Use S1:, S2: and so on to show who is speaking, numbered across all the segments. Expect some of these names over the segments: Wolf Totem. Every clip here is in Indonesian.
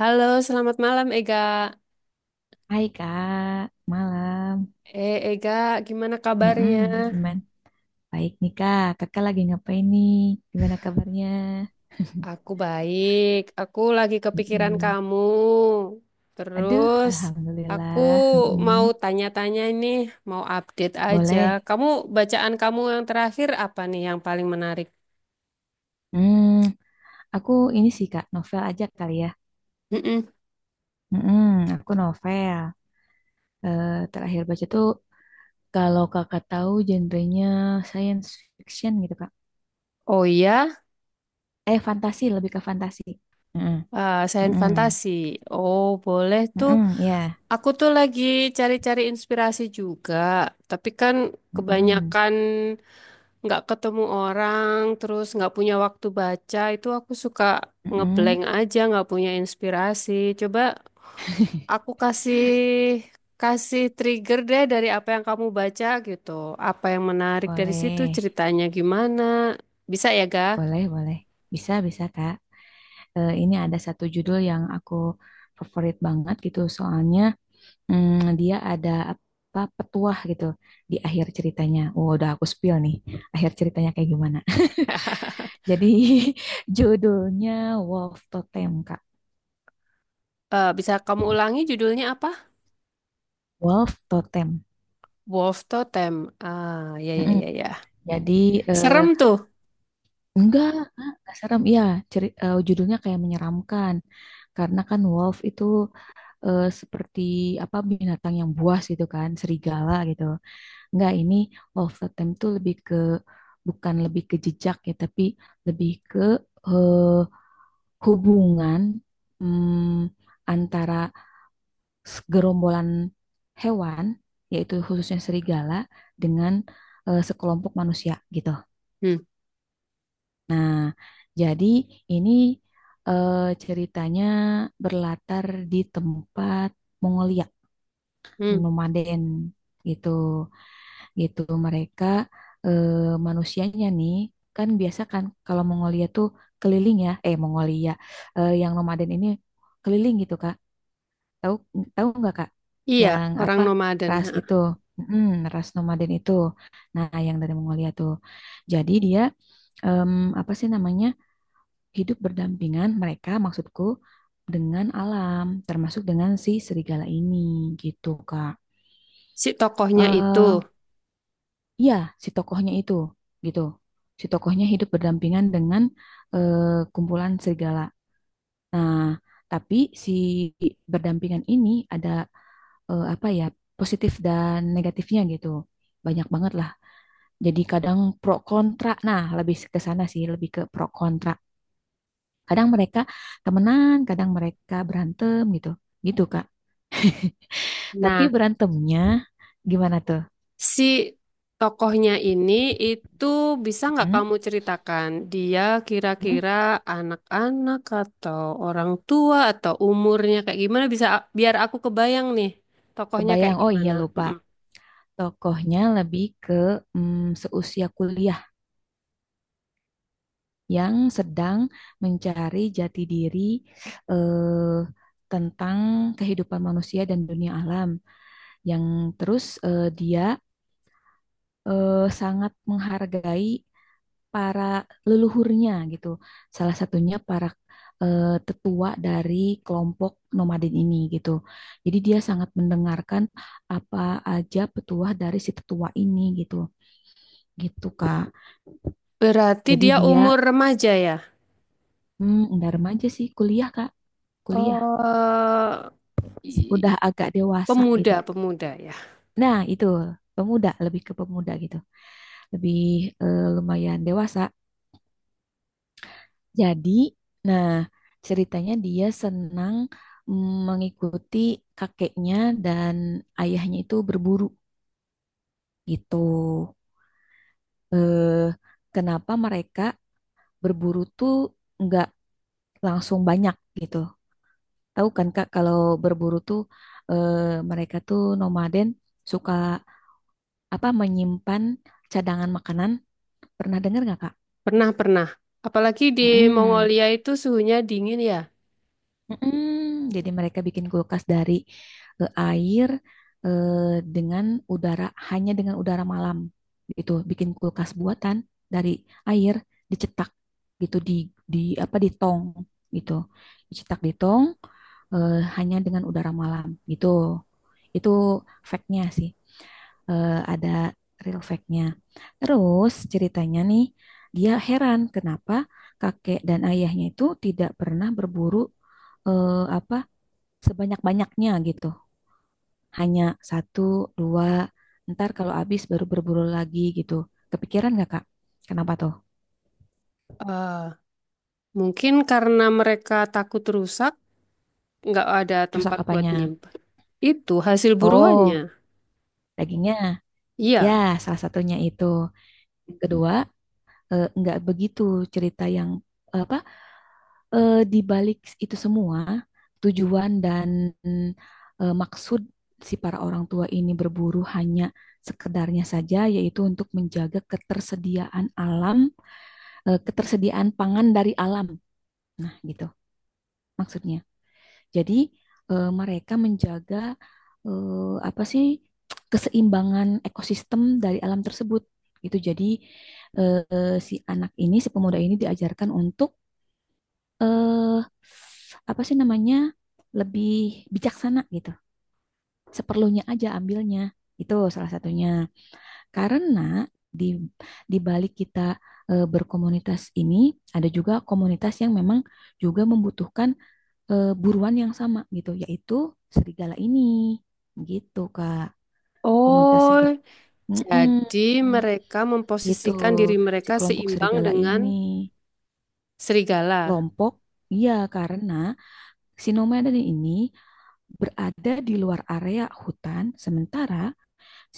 S1: Halo, selamat malam Ega.
S2: Hai Kak, malam.
S1: Ega, gimana
S2: Mm-mm,
S1: kabarnya?
S2: gimana? Baik nih Kak, kakak lagi ngapain nih? Gimana kabarnya?
S1: Aku baik. Aku lagi kepikiran
S2: Mm-mm.
S1: kamu.
S2: Aduh,
S1: Terus, aku
S2: Alhamdulillah.
S1: mau
S2: Mm-mm.
S1: tanya-tanya nih, mau update aja.
S2: Boleh.
S1: Kamu, bacaan kamu yang terakhir apa nih yang paling menarik?
S2: Hmm, aku ini sih Kak, novel aja kali ya.
S1: Mm-mm.
S2: Mm-mm, aku novel. Eh, terakhir baca tuh, kalau kakak tahu genrenya science fiction gitu Kak.
S1: Oh iya,
S2: Fantasi, lebih ke fantasi. Mm-mm,
S1: sains
S2: mm-mm,
S1: fantasi. Oh, boleh tuh.
S2: mm-mm, ya.
S1: Aku tuh lagi cari-cari inspirasi juga. Tapi kan
S2: Mm-mm,
S1: kebanyakan nggak ketemu orang, terus nggak punya waktu baca, itu aku suka
S2: mm-mm.
S1: ngeblank aja, nggak punya inspirasi. Coba aku kasih kasih trigger deh dari apa yang kamu baca gitu. Apa yang menarik dari situ,
S2: Boleh.
S1: ceritanya gimana? Bisa ya, Ga?
S2: Boleh, boleh. Bisa, bisa, Kak. Ini ada satu judul yang aku favorit banget gitu. Soalnya dia ada apa petuah gitu di akhir ceritanya. Oh, udah aku spill nih. Akhir ceritanya kayak gimana. Jadi judulnya Wolf Totem, Kak.
S1: Eh, bisa kamu ulangi judulnya apa?
S2: Wolf Totem.
S1: Wolf Totem. Ah, ya ya
S2: Mm-mm.
S1: ya ya.
S2: Jadi eh,
S1: Serem tuh.
S2: enggak, Kak, enggak serem. Iya, judulnya kayak menyeramkan. Karena kan wolf itu seperti apa binatang yang buas gitu kan, serigala gitu. Enggak, ini of the time tuh lebih ke bukan lebih ke jejak ya, tapi lebih ke eh, hubungan mm, antara gerombolan hewan, yaitu khususnya serigala, dengan sekelompok manusia gitu.
S1: Hmm,
S2: Nah, jadi ini eh, ceritanya berlatar di tempat Mongolia,
S1: hmm.
S2: nomaden gitu. Gitu mereka eh, manusianya nih kan biasa kan kalau Mongolia tuh keliling ya Mongolia yang nomaden ini keliling gitu Kak. Tahu tahu nggak Kak
S1: Iya,
S2: yang
S1: orang
S2: apa
S1: nomaden.
S2: ras
S1: Ha.
S2: itu? Ras nomaden itu nah yang dari Mongolia tuh jadi dia em, apa sih namanya hidup berdampingan mereka maksudku dengan alam termasuk dengan si serigala ini gitu Kak.
S1: Si tokohnya itu.
S2: Eh, Iya, si tokohnya itu gitu. Si tokohnya hidup berdampingan dengan eh, kumpulan serigala. Nah, tapi si berdampingan ini ada apa ya, positif dan negatifnya gitu. Banyak banget lah. Jadi kadang pro kontra. Nah, lebih ke sana sih, lebih ke pro kontra. Kadang mereka temenan, kadang mereka berantem gitu. Gitu, Kak. Tapi
S1: Nah,
S2: berantemnya gimana tuh?
S1: si tokohnya ini itu bisa nggak
S2: Hmm?
S1: kamu ceritakan dia
S2: Hmm?
S1: kira-kira anak-anak atau orang tua atau umurnya kayak gimana bisa biar aku kebayang nih tokohnya kayak
S2: Kebayang. Oh iya,
S1: gimana.
S2: lupa.
S1: Mm-mm.
S2: Tokohnya lebih ke seusia kuliah yang sedang mencari jati diri eh, tentang kehidupan manusia dan dunia alam. Yang terus dia sangat menghargai para leluhurnya gitu. Salah satunya para tetua dari kelompok nomaden ini gitu. Jadi dia sangat mendengarkan apa aja petuah dari si tetua ini gitu. Gitu, Kak.
S1: Berarti
S2: Jadi
S1: dia
S2: dia
S1: umur remaja ya?
S2: nggak remaja sih, kuliah Kak, kuliah.
S1: Oh,
S2: Udah
S1: i-
S2: agak dewasa gitu.
S1: pemuda, pemuda ya.
S2: Nah itu pemuda, lebih ke pemuda gitu, lebih lumayan dewasa. Jadi, nah ceritanya dia senang mengikuti kakeknya dan ayahnya itu berburu gitu. Eh, kenapa mereka berburu tuh nggak langsung banyak gitu. Tahu kan Kak kalau berburu tuh eh, mereka tuh nomaden suka apa menyimpan cadangan makanan. Pernah dengar nggak Kak?
S1: Pernah, pernah. Apalagi di
S2: Mm-mm.
S1: Mongolia itu suhunya dingin ya.
S2: Mm-mm. Jadi mereka bikin kulkas dari air dengan udara hanya dengan udara malam itu. Bikin kulkas buatan dari air dicetak gitu di apa di tong gitu. Dicetak di tong hanya dengan udara malam gitu. Itu factnya sih. Ada real fact-nya. Terus ceritanya nih, dia heran kenapa kakek dan ayahnya itu tidak pernah berburu eh, apa sebanyak-banyaknya gitu. Hanya satu, dua, ntar kalau habis baru berburu lagi gitu. Kepikiran nggak Kak? Kenapa tuh?
S1: Eh, mungkin karena mereka takut rusak, nggak ada
S2: Rusak
S1: tempat buat
S2: apanya?
S1: nyimpen. Itu hasil buruannya.
S2: Oh, dagingnya. Ya,
S1: Iya.
S2: salah satunya itu. Yang kedua, nggak begitu cerita yang apa di balik itu semua, tujuan dan maksud si para orang tua ini berburu hanya sekedarnya saja, yaitu untuk menjaga ketersediaan alam, ketersediaan pangan dari alam. Nah, gitu maksudnya. Jadi, mereka menjaga apa sih keseimbangan ekosistem dari alam tersebut. Itu jadi si anak ini, si pemuda ini diajarkan untuk eh apa sih namanya lebih bijaksana gitu. Seperlunya aja ambilnya. Itu salah satunya. Karena di di balik kita berkomunitas ini ada juga komunitas yang memang juga membutuhkan buruan yang sama gitu, yaitu serigala ini. Gitu, Kak. Komunitas
S1: Oh,
S2: segera.
S1: jadi mereka
S2: Gitu,
S1: memposisikan diri
S2: si
S1: mereka
S2: kelompok
S1: seimbang
S2: serigala
S1: dengan
S2: ini.
S1: serigala.
S2: Kelompok, iya karena si nomaden ini berada di luar area hutan, sementara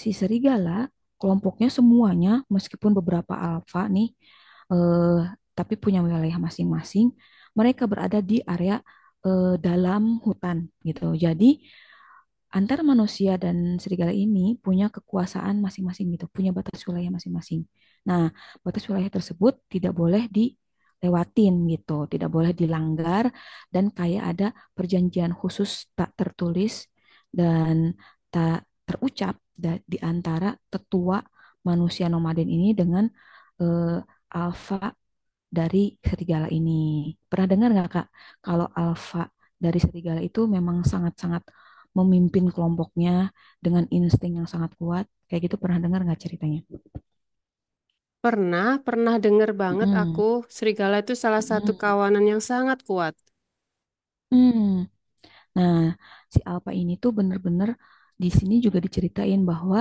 S2: si serigala kelompoknya semuanya, meskipun beberapa alfa nih, eh, tapi punya wilayah masing-masing, mereka berada di area dalam hutan gitu. Jadi antar manusia dan serigala ini punya kekuasaan masing-masing gitu, punya batas wilayah masing-masing. Nah, batas wilayah tersebut tidak boleh dilewatin gitu, tidak boleh dilanggar dan kayak ada perjanjian khusus tak tertulis dan tak terucap di antara tetua manusia nomaden ini dengan eh, alfa dari serigala ini. Pernah dengar nggak Kak, kalau alfa dari serigala itu memang sangat-sangat memimpin kelompoknya dengan insting yang sangat kuat? Kayak gitu pernah dengar nggak ceritanya?
S1: Pernah, pernah dengar banget
S2: Mm-mm.
S1: aku, serigala itu salah satu
S2: Mm-mm.
S1: kawanan yang sangat kuat.
S2: Mm. Nah, si alfa ini tuh bener-bener di sini juga diceritain bahwa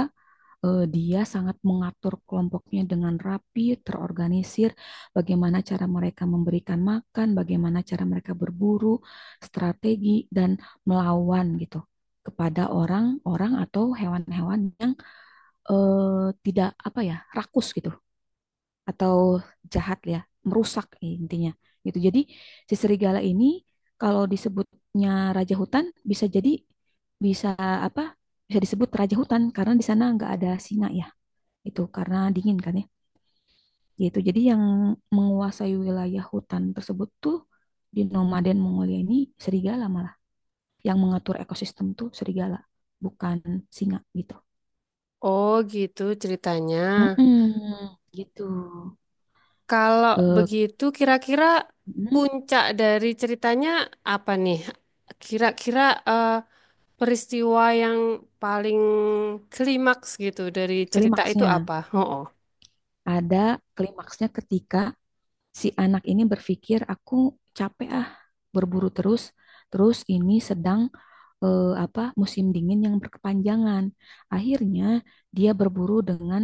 S2: dia sangat mengatur kelompoknya dengan rapi, terorganisir, bagaimana cara mereka memberikan makan, bagaimana cara mereka berburu, strategi, dan melawan gitu kepada orang-orang atau hewan-hewan yang tidak apa ya, rakus gitu atau jahat ya, merusak intinya gitu. Jadi si serigala ini kalau disebutnya raja hutan bisa jadi bisa apa? Bisa disebut raja hutan karena di sana nggak ada singa ya itu karena dingin kan ya gitu jadi yang menguasai wilayah hutan tersebut tuh di nomaden Mongolia ini serigala malah yang mengatur ekosistem tuh serigala bukan singa gitu.
S1: Oh, gitu ceritanya.
S2: Mm-mm, gitu.
S1: Kalau
S2: Eh,
S1: begitu, kira-kira
S2: mm,
S1: puncak dari ceritanya apa nih? Kira-kira eh, peristiwa yang paling klimaks gitu dari cerita itu
S2: klimaksnya
S1: apa? Oh.
S2: ada klimaksnya ketika si anak ini berpikir aku capek ah berburu terus terus ini sedang apa musim dingin yang berkepanjangan akhirnya dia berburu dengan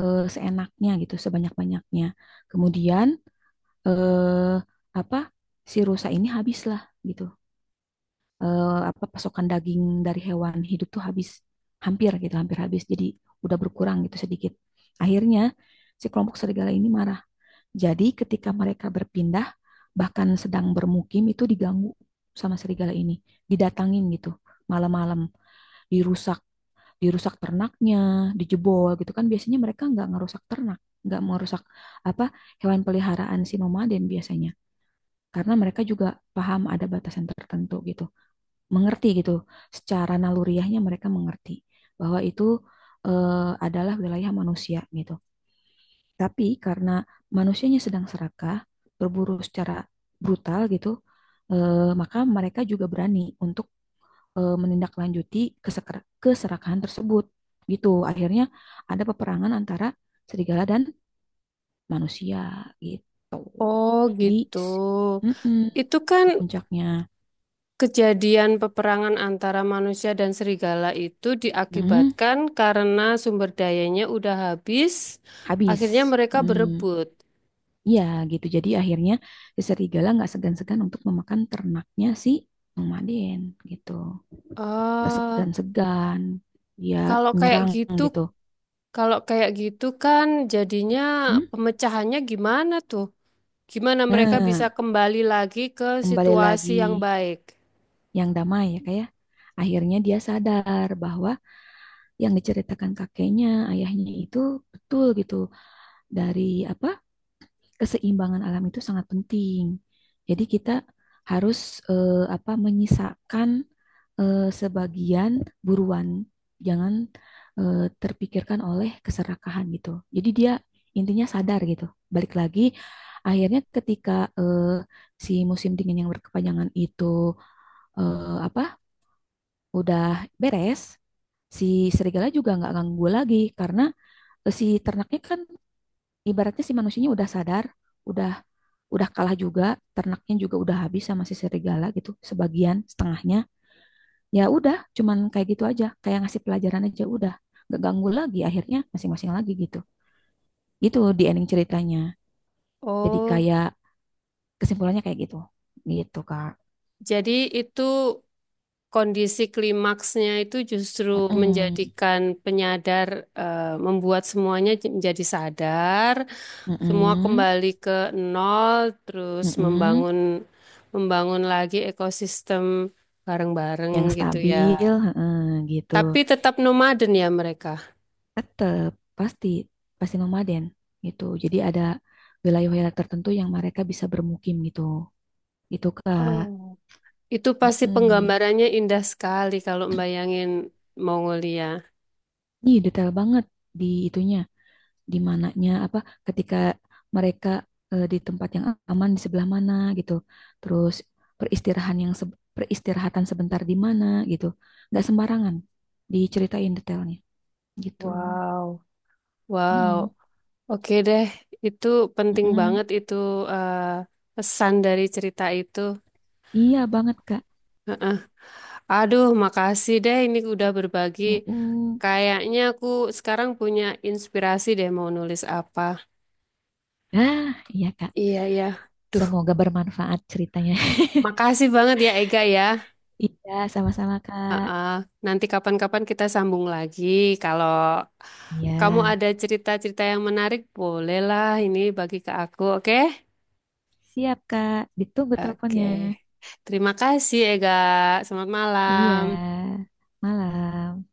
S2: seenaknya gitu sebanyak-banyaknya kemudian eh, apa si rusa ini habislah gitu. Apa pasokan daging dari hewan hidup tuh habis hampir gitu hampir habis jadi udah berkurang gitu sedikit akhirnya si kelompok serigala ini marah jadi ketika mereka berpindah, bahkan sedang bermukim itu diganggu sama serigala ini, didatangin gitu malam-malam, dirusak, dirusak ternaknya, dijebol gitu kan. Biasanya mereka nggak ngerusak ternak, nggak merusak apa hewan peliharaan si nomaden biasanya, karena mereka juga paham ada batasan tertentu gitu, mengerti gitu, secara naluriahnya mereka mengerti bahwa itu adalah wilayah manusia gitu. Tapi karena manusianya sedang serakah, berburu secara brutal gitu, maka mereka juga berani untuk menindaklanjuti keserakahan tersebut. Gitu. Akhirnya ada peperangan antara serigala dan manusia gitu.
S1: Oh
S2: Jadi
S1: gitu.
S2: s- mm-mm,
S1: Itu kan
S2: itu puncaknya.
S1: kejadian peperangan antara manusia dan serigala itu
S2: Mm-mm,
S1: diakibatkan karena sumber dayanya udah habis, akhirnya
S2: habis.
S1: mereka
S2: Mm,
S1: berebut.
S2: iya gitu. Jadi akhirnya si serigala nggak segan-segan untuk memakan ternaknya si nomaden gitu. Gak
S1: Ah,
S2: segan-segan dia
S1: kalau kayak
S2: menyerang
S1: gitu,
S2: gitu.
S1: kalau kayak gitu kan jadinya
S2: Hmm?
S1: pemecahannya gimana tuh? Gimana mereka bisa
S2: Nah,
S1: kembali lagi ke
S2: kembali
S1: situasi
S2: lagi
S1: yang baik?
S2: yang damai ya kayak akhirnya dia sadar bahwa yang diceritakan kakeknya, ayahnya itu betul gitu dari apa keseimbangan alam itu sangat penting. Jadi kita harus apa menyisakan sebagian buruan, jangan terpikirkan oleh keserakahan gitu. Jadi dia intinya sadar gitu. Balik lagi, akhirnya ketika eh, si musim dingin yang berkepanjangan itu apa udah beres, si serigala juga nggak ganggu lagi karena si ternaknya kan ibaratnya si manusianya udah sadar, udah udah kalah juga, ternaknya juga udah habis sama si serigala gitu, sebagian setengahnya. Ya udah, cuman kayak gitu aja, kayak ngasih pelajaran aja udah. Gak ganggu lagi akhirnya masing-masing lagi gitu. Gitu di ending ceritanya. Jadi
S1: Oh,
S2: kayak kesimpulannya kayak gitu. Gitu, Kak.
S1: jadi itu kondisi klimaksnya itu justru
S2: Mm-mm.
S1: menjadikan penyadar, membuat semuanya menjadi sadar, semua
S2: Mm-mm.
S1: kembali ke nol, terus
S2: Mm-mm.
S1: membangun membangun lagi ekosistem bareng-bareng
S2: Yang
S1: gitu ya.
S2: stabil, heeh, gitu.
S1: Tapi tetap nomaden ya mereka.
S2: Tetap pasti pasti nomaden gitu. Jadi ada wilayah-wilayah tertentu yang mereka bisa bermukim gitu. Gitu, Kak.
S1: Oh. Itu pasti
S2: Mm-mm.
S1: penggambarannya indah sekali kalau membayangin Mongolia.
S2: Ih, detail banget di itunya, di mananya apa ketika mereka di tempat yang aman di sebelah mana gitu. Terus peristirahatan sebentar di mana gitu. Nggak sembarangan diceritain detailnya gitu.
S1: Wow. Wow.
S2: Mm-mm,
S1: Oke deh, itu penting
S2: mm-mm.
S1: banget itu, eh, pesan dari cerita itu.
S2: Iya banget, Kak.
S1: Aduh, makasih deh ini udah berbagi.
S2: Mm-mm.
S1: Kayaknya aku sekarang punya inspirasi deh mau nulis apa.
S2: Ah, iya, Kak.
S1: Iya, iya. Duh,
S2: Semoga bermanfaat ceritanya.
S1: makasih banget ya Ega ya.
S2: Iya, sama-sama,
S1: Heeh.
S2: Kak.
S1: Nanti kapan-kapan kita sambung lagi. Kalau
S2: Iya.
S1: kamu ada cerita-cerita yang menarik, bolehlah ini bagi ke aku, oke?
S2: Siap, Kak. Ditunggu
S1: Oke.
S2: teleponnya.
S1: Terima kasih Ega. Selamat
S2: Iya.
S1: malam.
S2: Malam.